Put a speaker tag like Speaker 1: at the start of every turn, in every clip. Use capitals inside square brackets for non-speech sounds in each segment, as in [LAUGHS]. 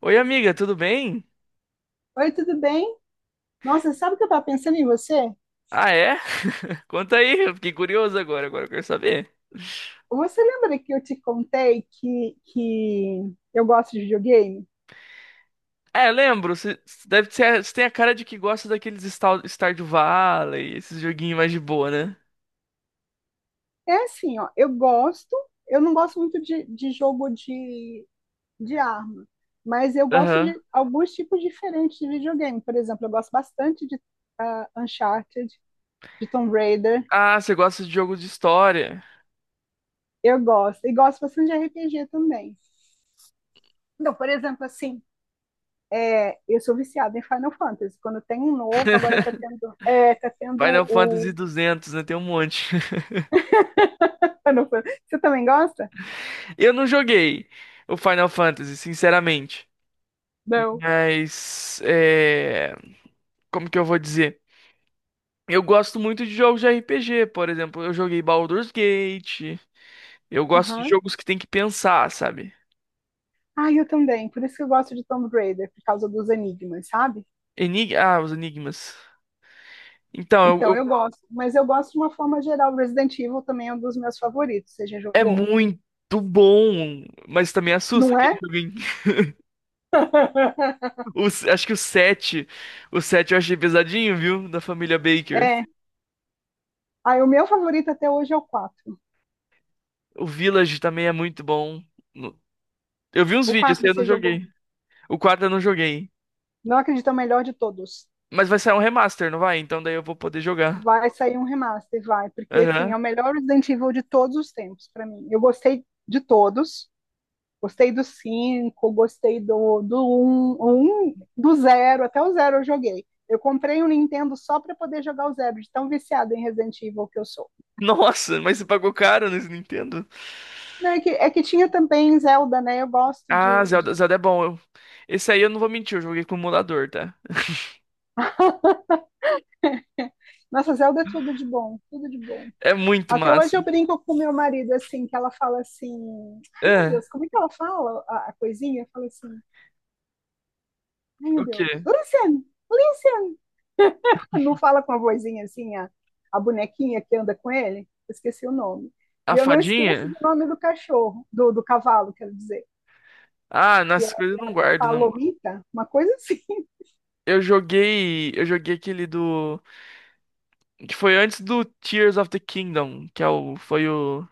Speaker 1: Oi, amiga, tudo bem?
Speaker 2: Oi, tudo bem? Nossa, sabe o que eu estava pensando em você?
Speaker 1: Ah, é? [LAUGHS] Conta aí, eu fiquei curioso agora, agora eu quero saber.
Speaker 2: Você lembra que eu te contei que eu gosto de videogame?
Speaker 1: É, lembro, você deve ser, você tem a cara de que gosta daqueles Stardew Valley, esses joguinhos mais de boa, né?
Speaker 2: É assim, ó, eu gosto, eu não gosto muito de jogo de arma, mas eu gosto
Speaker 1: Aham.
Speaker 2: de alguns tipos diferentes de videogame. Por exemplo, eu gosto bastante de Uncharted, de Tomb Raider,
Speaker 1: Ah, você gosta de jogos de história.
Speaker 2: eu gosto, e gosto bastante de RPG também. Então, por exemplo, assim, eu sou viciada em Final Fantasy. Quando tem um novo, agora tá
Speaker 1: [LAUGHS]
Speaker 2: tendo, tá tendo
Speaker 1: Final Fantasy
Speaker 2: o
Speaker 1: 200, né? Tem um monte.
Speaker 2: Xenophon. Você também gosta?
Speaker 1: [LAUGHS] Eu não joguei o Final Fantasy, sinceramente.
Speaker 2: Não.
Speaker 1: Mas, como que eu vou dizer? Eu gosto muito de jogos de RPG. Por exemplo, eu joguei Baldur's Gate. Eu gosto de
Speaker 2: Aham.
Speaker 1: jogos que tem que pensar, sabe?
Speaker 2: Ah, eu também. Por isso que eu gosto de Tomb Raider, por causa dos enigmas, sabe?
Speaker 1: Ah, os enigmas. Então,
Speaker 2: Então eu gosto. Mas eu gosto de uma forma geral. Resident Evil também é um dos meus favoritos. Você já
Speaker 1: é
Speaker 2: jogou?
Speaker 1: muito bom, mas também assusta
Speaker 2: Não
Speaker 1: aquele
Speaker 2: é?
Speaker 1: joguinho.
Speaker 2: [LAUGHS]
Speaker 1: [LAUGHS] Acho que o 7, o 7 eu achei pesadinho, viu? Da família Baker.
Speaker 2: É. Ah, o meu favorito até hoje é o 4.
Speaker 1: O Village também é muito bom. No- Eu vi uns
Speaker 2: O
Speaker 1: vídeos, esse
Speaker 2: 4
Speaker 1: eu não
Speaker 2: você jogou?
Speaker 1: joguei. O 4 eu não joguei.
Speaker 2: Não acredito, é o melhor de todos.
Speaker 1: Mas vai sair um remaster, não vai? Então daí eu vou poder jogar.
Speaker 2: Vai sair um remaster, vai, porque assim, é o
Speaker 1: Aham.
Speaker 2: melhor Resident Evil de todos os tempos pra mim. Eu gostei de todos. Gostei do cinco, gostei do do um, um, do zero. Até o zero eu joguei. Eu comprei um Nintendo só para poder jogar o 0, de tão viciado em Resident Evil que eu sou.
Speaker 1: [LAUGHS] Nossa, mas você pagou caro nesse Nintendo?
Speaker 2: Não, é que tinha também Zelda, né? Eu gosto
Speaker 1: Ah,
Speaker 2: de,
Speaker 1: Zelda,
Speaker 2: de.
Speaker 1: Zelda é bom. Esse aí eu não vou mentir, eu joguei com o emulador, tá?
Speaker 2: Nossa, Zelda é tudo de bom, tudo de bom.
Speaker 1: É muito
Speaker 2: Até hoje
Speaker 1: massa.
Speaker 2: eu brinco com meu marido assim, que ela fala assim, ai meu
Speaker 1: É,
Speaker 2: Deus, como é que ela fala a coisinha? Eu falo assim, ai meu
Speaker 1: o
Speaker 2: Deus,
Speaker 1: quê?
Speaker 2: Luciano, Luciano. [LAUGHS] Não fala com a vozinha assim, a bonequinha que anda com ele? Eu esqueci o nome. E
Speaker 1: A
Speaker 2: eu não esqueço
Speaker 1: fadinha?
Speaker 2: o nome do cachorro, do, do cavalo, quero dizer.
Speaker 1: Ah,
Speaker 2: Que
Speaker 1: nessas
Speaker 2: é
Speaker 1: coisas eu não guardo, não.
Speaker 2: Palomita, uma coisa assim.
Speaker 1: Eu joguei aquele do Tears of the Kingdom, que é o foi o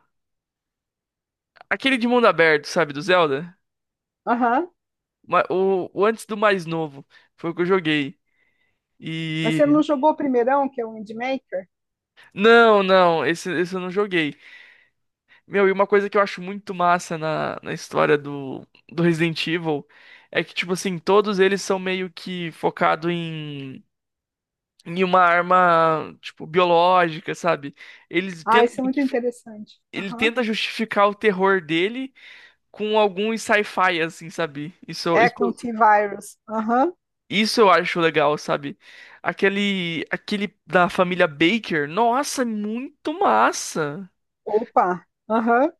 Speaker 1: aquele de mundo aberto, sabe, do Zelda?
Speaker 2: [LAUGHS] Aham.
Speaker 1: O antes do mais novo foi o que eu joguei.
Speaker 2: Mas
Speaker 1: E
Speaker 2: você não jogou o primeirão, que é o Windmaker?
Speaker 1: não, não, esse eu não joguei. Meu, e uma coisa que eu acho muito massa na história do Resident Evil é que, tipo assim, todos eles são meio que focado em uma arma, tipo, biológica, sabe? Eles
Speaker 2: Ah,
Speaker 1: tentam,
Speaker 2: isso é muito interessante.
Speaker 1: ele
Speaker 2: Aham.
Speaker 1: tenta justificar o terror dele com algum sci-fi, assim, sabe?
Speaker 2: É
Speaker 1: Isso,
Speaker 2: com o T-Virus. Aham.
Speaker 1: isso eu acho legal, sabe? Aquele da família Baker, nossa, é muito massa.
Speaker 2: Opa. Aham.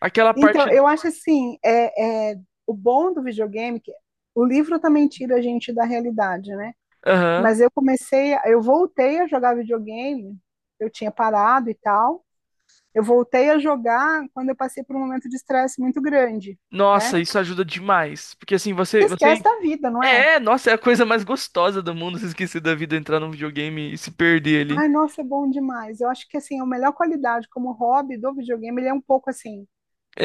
Speaker 1: Aquela parte,
Speaker 2: Então, eu acho assim, o bom do videogame, é que o livro também tira a gente da realidade, né?
Speaker 1: aham.
Speaker 2: Mas eu comecei, eu voltei a jogar videogame, eu tinha parado e tal. Eu voltei a jogar quando eu passei por um momento de estresse muito grande, né?
Speaker 1: Nossa, isso ajuda demais, porque assim,
Speaker 2: Você
Speaker 1: você
Speaker 2: esquece da vida, não é?
Speaker 1: é, nossa, é a coisa mais gostosa do mundo, [LAUGHS] se esquecer da vida, entrar num videogame e se perder ali.
Speaker 2: Ai, nossa, é bom demais. Eu acho que assim, a melhor qualidade como hobby do videogame, ele é um pouco assim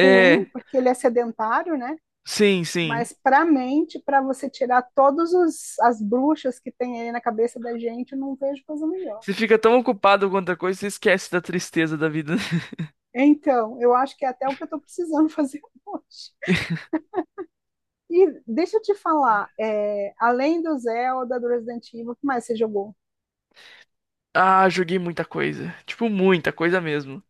Speaker 2: ruim, porque ele é sedentário, né?
Speaker 1: sim.
Speaker 2: Mas para a mente, para você tirar todas as bruxas que tem aí na cabeça da gente, eu não vejo coisa melhor.
Speaker 1: Você fica tão ocupado com outra coisa, você esquece da tristeza da vida. [LAUGHS]
Speaker 2: Então, eu acho que é até o que eu estou precisando fazer [LAUGHS] hoje. E deixa eu te falar, além do Zelda, do Resident Evil, o que mais você jogou?
Speaker 1: Ah, joguei muita coisa. Tipo, muita coisa mesmo.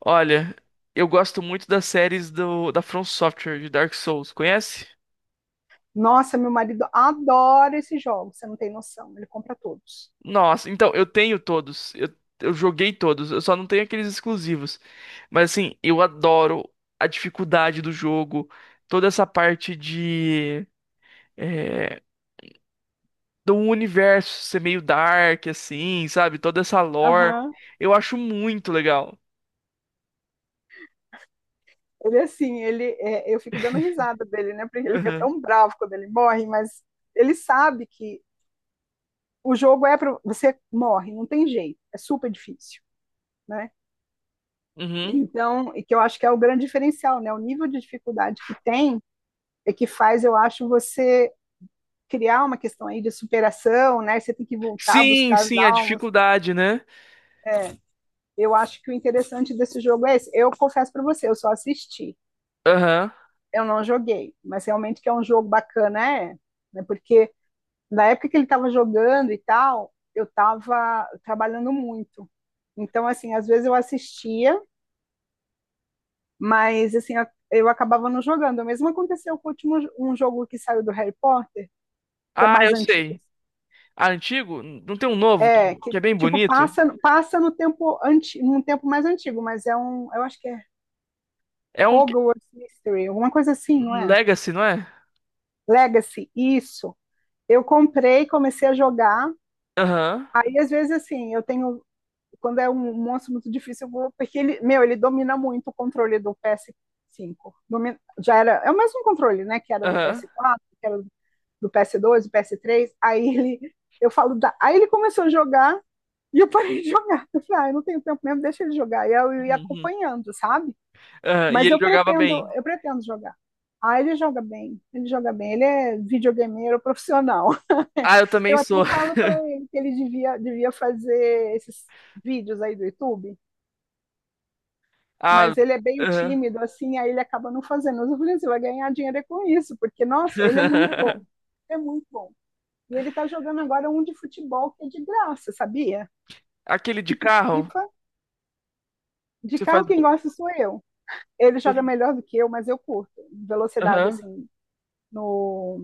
Speaker 1: Olha, eu gosto muito das séries da From Software, de Dark Souls. Conhece?
Speaker 2: Nossa, meu marido adora esses jogos, você não tem noção, ele compra todos.
Speaker 1: Nossa, então, eu tenho todos. Eu joguei todos. Eu só não tenho aqueles exclusivos. Mas, assim, eu adoro a dificuldade do jogo. Toda essa parte de... é, do universo ser meio dark, assim, sabe? Toda essa lore.
Speaker 2: Aham.
Speaker 1: Eu acho muito legal.
Speaker 2: Ele é assim, ele é, eu fico dando risada dele, né? Porque ele fica
Speaker 1: [LAUGHS]
Speaker 2: tão bravo quando ele morre, mas ele sabe que o jogo é para você morre, não tem jeito, é super difícil, né?
Speaker 1: Uhum.
Speaker 2: Então, e que eu acho que é o grande diferencial, né? O nível de dificuldade que tem é que faz, eu acho, você criar uma questão aí de superação, né? Você tem que voltar a buscar as
Speaker 1: Sim, a
Speaker 2: almas.
Speaker 1: dificuldade, né?
Speaker 2: Eu acho que o interessante desse jogo é esse. Eu confesso para você, eu só assisti,
Speaker 1: Aham.
Speaker 2: eu não joguei, mas realmente que é um jogo bacana, é, né? Porque na época que ele estava jogando e tal, eu estava trabalhando muito. Então, assim, às vezes eu assistia, mas assim, eu acabava não jogando. O mesmo aconteceu com o último um jogo que saiu do Harry Potter, que é
Speaker 1: Ah,
Speaker 2: mais
Speaker 1: eu
Speaker 2: antigo.
Speaker 1: sei. Ah, antigo? Não tem um novo
Speaker 2: É, que
Speaker 1: que é bem
Speaker 2: tipo
Speaker 1: bonito?
Speaker 2: passa no tempo num tempo mais antigo, mas é um, eu acho que é
Speaker 1: É um que-
Speaker 2: Hogwarts Mystery, alguma coisa assim, não
Speaker 1: um
Speaker 2: é?
Speaker 1: Legacy, não é?
Speaker 2: Legacy, isso. Eu comprei, comecei a jogar.
Speaker 1: Aham,
Speaker 2: Aí às vezes assim, eu tenho quando é um monstro muito difícil, eu vou porque ele, meu, ele domina muito o controle do PS5. Domina, já era, é o mesmo controle, né, que era do
Speaker 1: aham.
Speaker 2: PS4, que era do PS2, do PS3. Aí ele eu falo, da, aí ele começou a jogar. E eu parei de [LAUGHS] jogar. Eu falei, ah, eu não tenho tempo mesmo, deixa ele jogar. E eu ia
Speaker 1: Uhum.
Speaker 2: acompanhando, sabe?
Speaker 1: Aham, e
Speaker 2: Mas
Speaker 1: ele jogava bem.
Speaker 2: eu pretendo jogar. Ah, ele joga bem, ele joga bem, ele é videogameiro profissional. [LAUGHS]
Speaker 1: Ah, eu também
Speaker 2: Eu até
Speaker 1: sou.
Speaker 2: falo para
Speaker 1: [LAUGHS]
Speaker 2: ele que ele devia, devia fazer esses vídeos aí do YouTube,
Speaker 1: Ah,
Speaker 2: mas ele é meio
Speaker 1: aham.
Speaker 2: tímido, assim, aí ele acaba não fazendo. Mas eu falei assim, vai ganhar dinheiro é com isso, porque, nossa, ele é muito bom,
Speaker 1: [LAUGHS]
Speaker 2: é muito bom. E ele tá jogando agora um de futebol que é de graça, sabia?
Speaker 1: Aquele de
Speaker 2: Tipo
Speaker 1: carro,
Speaker 2: FIFA. De
Speaker 1: você faz
Speaker 2: carro quem
Speaker 1: gol.
Speaker 2: gosta sou eu. Ele joga
Speaker 1: Você-
Speaker 2: melhor do que eu, mas eu curto. Velocidade,
Speaker 1: Aham.
Speaker 2: assim, no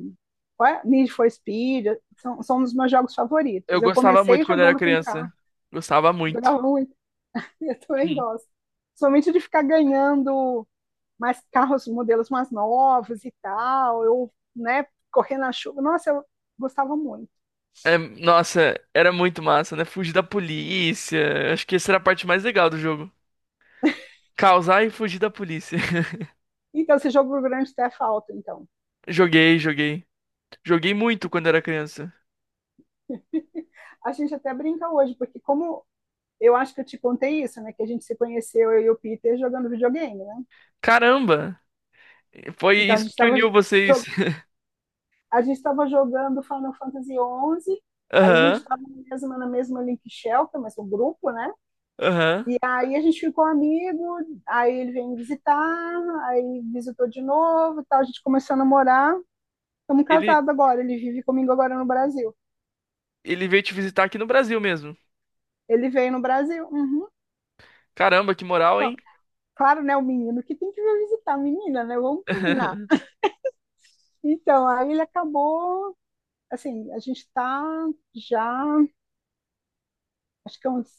Speaker 2: é? Need for Speed, são, são um dos meus jogos
Speaker 1: Eu
Speaker 2: favoritos. Eu
Speaker 1: gostava
Speaker 2: comecei
Speaker 1: muito quando era
Speaker 2: jogando com carro,
Speaker 1: criança. Gostava muito.
Speaker 2: jogava muito, [LAUGHS] eu também
Speaker 1: Hum.
Speaker 2: gosto. Somente de ficar ganhando mais carros, modelos mais novos e tal, eu, né, correndo na chuva. Nossa, eu gostava muito.
Speaker 1: É, nossa, era muito massa, né? Fugir da polícia. Acho que essa era a parte mais legal do jogo. Causar e fugir da polícia. [LAUGHS]
Speaker 2: Então, esse jogo do grande até falta, então.
Speaker 1: Joguei. Joguei muito quando era criança.
Speaker 2: A gente até brinca hoje, porque como eu acho que eu te contei isso, né? Que a gente se conheceu, eu e o Peter, jogando videogame, né?
Speaker 1: Caramba! Foi
Speaker 2: Então
Speaker 1: isso que uniu vocês. [LAUGHS]
Speaker 2: a gente estava jogando Final Fantasy 11, aí a gente
Speaker 1: Aham,
Speaker 2: estava na mesma Link Shelter, mas um grupo, né?
Speaker 1: aham.
Speaker 2: E aí a gente ficou amigo, aí ele veio me visitar, aí visitou de novo, e tal, a gente começou a namorar, estamos
Speaker 1: Ele,
Speaker 2: casados agora, ele vive comigo agora no Brasil.
Speaker 1: ele veio te visitar aqui no Brasil mesmo.
Speaker 2: Ele veio no Brasil, uhum.
Speaker 1: Caramba, que moral,
Speaker 2: Ó,
Speaker 1: hein?
Speaker 2: claro, né, o menino que tem que vir visitar a menina, né? Vamos combinar.
Speaker 1: [LAUGHS]
Speaker 2: Então, aí ele acabou, assim, a gente está já acho que é uns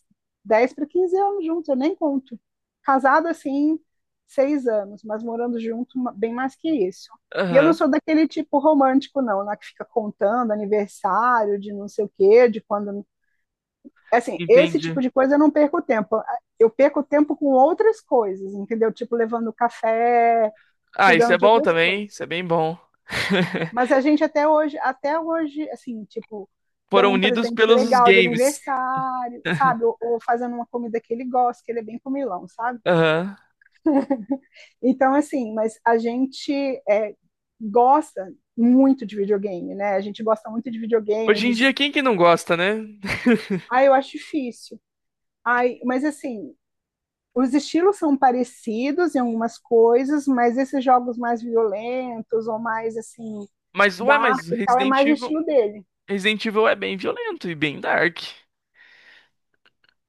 Speaker 2: 10 para 15 anos juntos, eu nem conto. Casado assim, 6 anos, mas morando junto bem mais que isso. E eu não
Speaker 1: Aham,
Speaker 2: sou daquele tipo romântico, não, né, que fica contando aniversário de não sei o quê, de quando. Assim, esse
Speaker 1: entendi.
Speaker 2: tipo de coisa eu não perco tempo. Eu perco tempo com outras coisas, entendeu? Tipo, levando café,
Speaker 1: Ah, isso
Speaker 2: cuidando
Speaker 1: é
Speaker 2: de
Speaker 1: bom
Speaker 2: outras coisas.
Speaker 1: também. Isso é bem bom.
Speaker 2: Mas a
Speaker 1: [LAUGHS]
Speaker 2: gente até hoje, assim, tipo,
Speaker 1: Foram
Speaker 2: dando um
Speaker 1: unidos
Speaker 2: presente
Speaker 1: pelos
Speaker 2: legal de
Speaker 1: games.
Speaker 2: aniversário,
Speaker 1: [LAUGHS]
Speaker 2: sabe? Ou fazendo uma comida que ele gosta, que ele é bem comilão, sabe?
Speaker 1: Aham.
Speaker 2: Então, assim, mas a gente é, gosta muito de videogame, né? A gente gosta muito de videogame,
Speaker 1: Hoje
Speaker 2: de...
Speaker 1: em dia, quem que não gosta, né?
Speaker 2: Ah, eu acho difícil. Ai, mas assim, os estilos são parecidos em algumas coisas, mas esses jogos mais violentos ou mais, assim,
Speaker 1: Mas, ué,
Speaker 2: dark e tal, é mais o estilo dele.
Speaker 1: Resident Evil é bem violento e bem dark.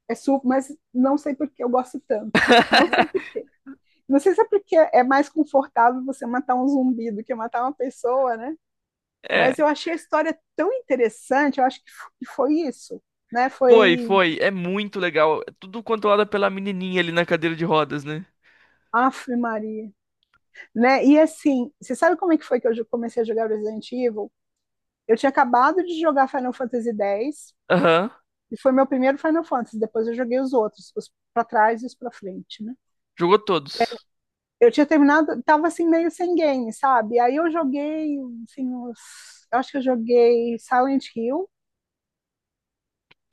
Speaker 2: É suco, mas não sei por que eu gosto tanto. Não sei por quê. Não sei se é porque é mais confortável você matar um zumbi do que matar uma pessoa, né?
Speaker 1: É.
Speaker 2: Mas eu achei a história tão interessante, eu acho que foi isso, né? Foi
Speaker 1: Foi. É muito legal. É tudo controlado pela menininha ali na cadeira de rodas, né?
Speaker 2: Aff, Maria, né? E assim, você sabe como é que foi que eu comecei a jogar Resident Evil? Eu tinha acabado de jogar Final Fantasy X,
Speaker 1: Aham.
Speaker 2: e foi meu primeiro Final Fantasy, depois eu joguei os outros, os para trás e os para frente, né?
Speaker 1: Jogou todos.
Speaker 2: Eu tinha terminado, tava assim meio sem game, sabe? Aí eu joguei, assim, uns, eu acho que eu joguei Silent Hill,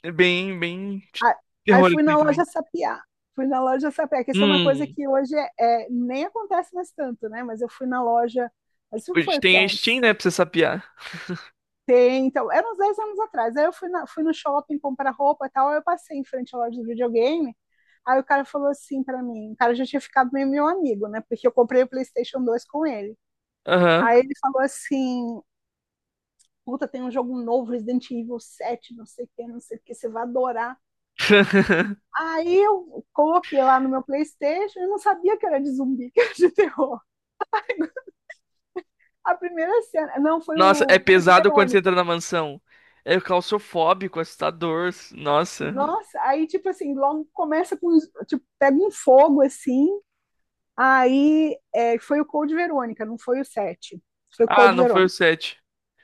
Speaker 1: É bem de
Speaker 2: a- aí
Speaker 1: terror isso
Speaker 2: fui
Speaker 1: aí
Speaker 2: na loja
Speaker 1: também.
Speaker 2: sapiar. Fui na loja sapiar, que isso é uma coisa
Speaker 1: Hum.
Speaker 2: que hoje nem acontece mais tanto, né? Mas eu fui na loja, mas isso
Speaker 1: Hoje
Speaker 2: foi o que,
Speaker 1: tem a Steam,
Speaker 2: uns
Speaker 1: né, pra você sapear.
Speaker 2: 10, então, era uns 10 anos atrás. Aí eu fui, fui no shopping comprar roupa e tal, aí eu passei em frente à loja de videogame, aí o cara falou assim pra mim, o cara já tinha ficado meio meu amigo, né? Porque eu comprei o PlayStation 2 com ele.
Speaker 1: Aham.
Speaker 2: Aí ele falou assim, puta, tem um jogo novo, Resident Evil 7, não sei o que, não sei o que, você vai adorar.
Speaker 1: [LAUGHS]
Speaker 2: Aí eu coloquei lá no meu Playstation, eu não sabia que era de zumbi, [LAUGHS] que era de terror. A primeira cena, não, foi
Speaker 1: Nossa, é
Speaker 2: o Como de
Speaker 1: pesado quando você entra
Speaker 2: Verônica.
Speaker 1: na mansão. É claustrofóbico, assustador. Nossa.
Speaker 2: Nossa, aí tipo assim, logo começa com, tipo, pega um fogo assim, foi o Code Verônica, não foi o 7, foi o
Speaker 1: Ah,
Speaker 2: Code
Speaker 1: não foi o
Speaker 2: Verônica.
Speaker 1: 7.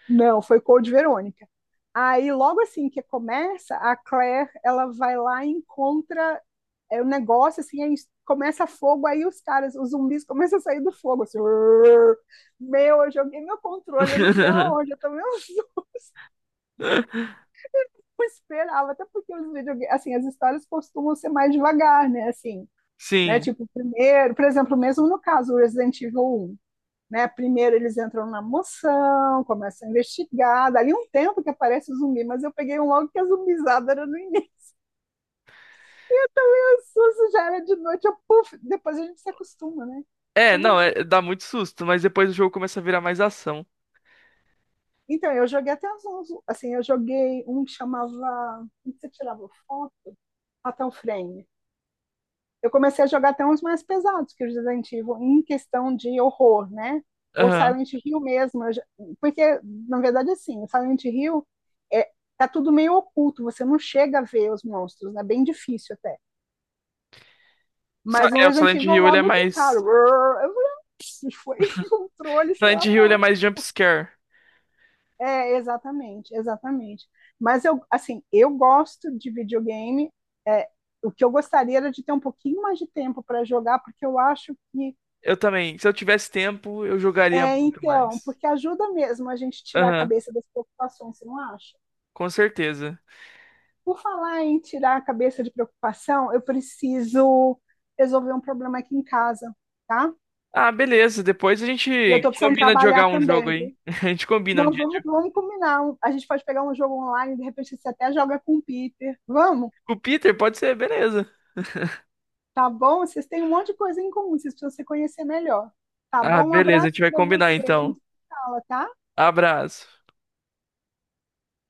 Speaker 2: Não, foi Code Verônica. Aí, logo assim que começa, a Claire, ela vai lá e encontra o negócio, assim, aí começa fogo, aí os caras, os zumbis começam a sair do fogo, assim, "Urr". Meu, eu joguei meu controle, eu não sei
Speaker 1: [LAUGHS]
Speaker 2: aonde, eu também não [LAUGHS] esperava, até porque os videogames, assim, as histórias costumam ser mais devagar, né, assim, né,
Speaker 1: Sim.
Speaker 2: tipo, primeiro, por exemplo, mesmo no caso do Resident Evil um, né, primeiro eles entram na moção, começam a investigar, dali um tempo que aparece o zumbi, mas eu peguei um logo que a zumbizada era no início, susto já era de noite, eu, puf, depois a gente se acostuma, né?
Speaker 1: É,
Speaker 2: Depois a
Speaker 1: não,
Speaker 2: gente se
Speaker 1: é- dá
Speaker 2: acostuma.
Speaker 1: muito susto, mas depois o jogo começa a virar mais ação.
Speaker 2: Então, eu joguei até uns, uns- assim, eu joguei um que chamava, um que você tirava foto, até o frame. Eu comecei a jogar até uns mais pesados que é o Resident Evil, em questão de horror, né? Ou
Speaker 1: Aham.
Speaker 2: Silent Hill mesmo, eu já- porque, na verdade, assim, o Silent Hill é, tá tudo meio oculto, você não chega a ver os monstros, né? Bem difícil até.
Speaker 1: Sa-
Speaker 2: Mas no
Speaker 1: É, o
Speaker 2: Resident
Speaker 1: Silent
Speaker 2: Evil,
Speaker 1: Hill, ele é
Speaker 2: logo de cara,
Speaker 1: mais
Speaker 2: eu falei, "Ah, foi [LAUGHS] controle, sei
Speaker 1: Silent
Speaker 2: lá
Speaker 1: Hill
Speaker 2: para
Speaker 1: ele é
Speaker 2: onde".
Speaker 1: mais jumpscare.
Speaker 2: É, exatamente, exatamente. Mas eu, assim, eu gosto de videogame. é, o que eu gostaria era de ter um pouquinho mais de tempo para jogar, porque eu acho que
Speaker 1: Eu também. Se eu tivesse tempo, eu jogaria
Speaker 2: é,
Speaker 1: muito
Speaker 2: então,
Speaker 1: mais.
Speaker 2: porque ajuda mesmo a gente tirar a
Speaker 1: Aham,
Speaker 2: cabeça das preocupações, você não acha?
Speaker 1: com certeza.
Speaker 2: Por falar em tirar a cabeça de preocupação, eu preciso resolver um problema aqui em casa, tá?
Speaker 1: Ah, beleza. Depois a
Speaker 2: E eu
Speaker 1: gente
Speaker 2: tô precisando
Speaker 1: combina de
Speaker 2: trabalhar
Speaker 1: jogar um
Speaker 2: também,
Speaker 1: jogo aí.
Speaker 2: viu?
Speaker 1: [LAUGHS] A gente combina um
Speaker 2: Então
Speaker 1: dia.
Speaker 2: vamos, vamos combinar. A gente pode pegar um jogo online, de repente você até joga com o Peter. Vamos?
Speaker 1: Com o Peter, pode ser, beleza.
Speaker 2: Tá bom? Vocês têm um monte de coisa em comum, vocês precisam se conhecer melhor. Tá
Speaker 1: Ah,
Speaker 2: bom? Um
Speaker 1: beleza. A gente
Speaker 2: abraço
Speaker 1: vai
Speaker 2: para
Speaker 1: combinar
Speaker 2: você, a
Speaker 1: então.
Speaker 2: gente se fala, tá?
Speaker 1: Abraço.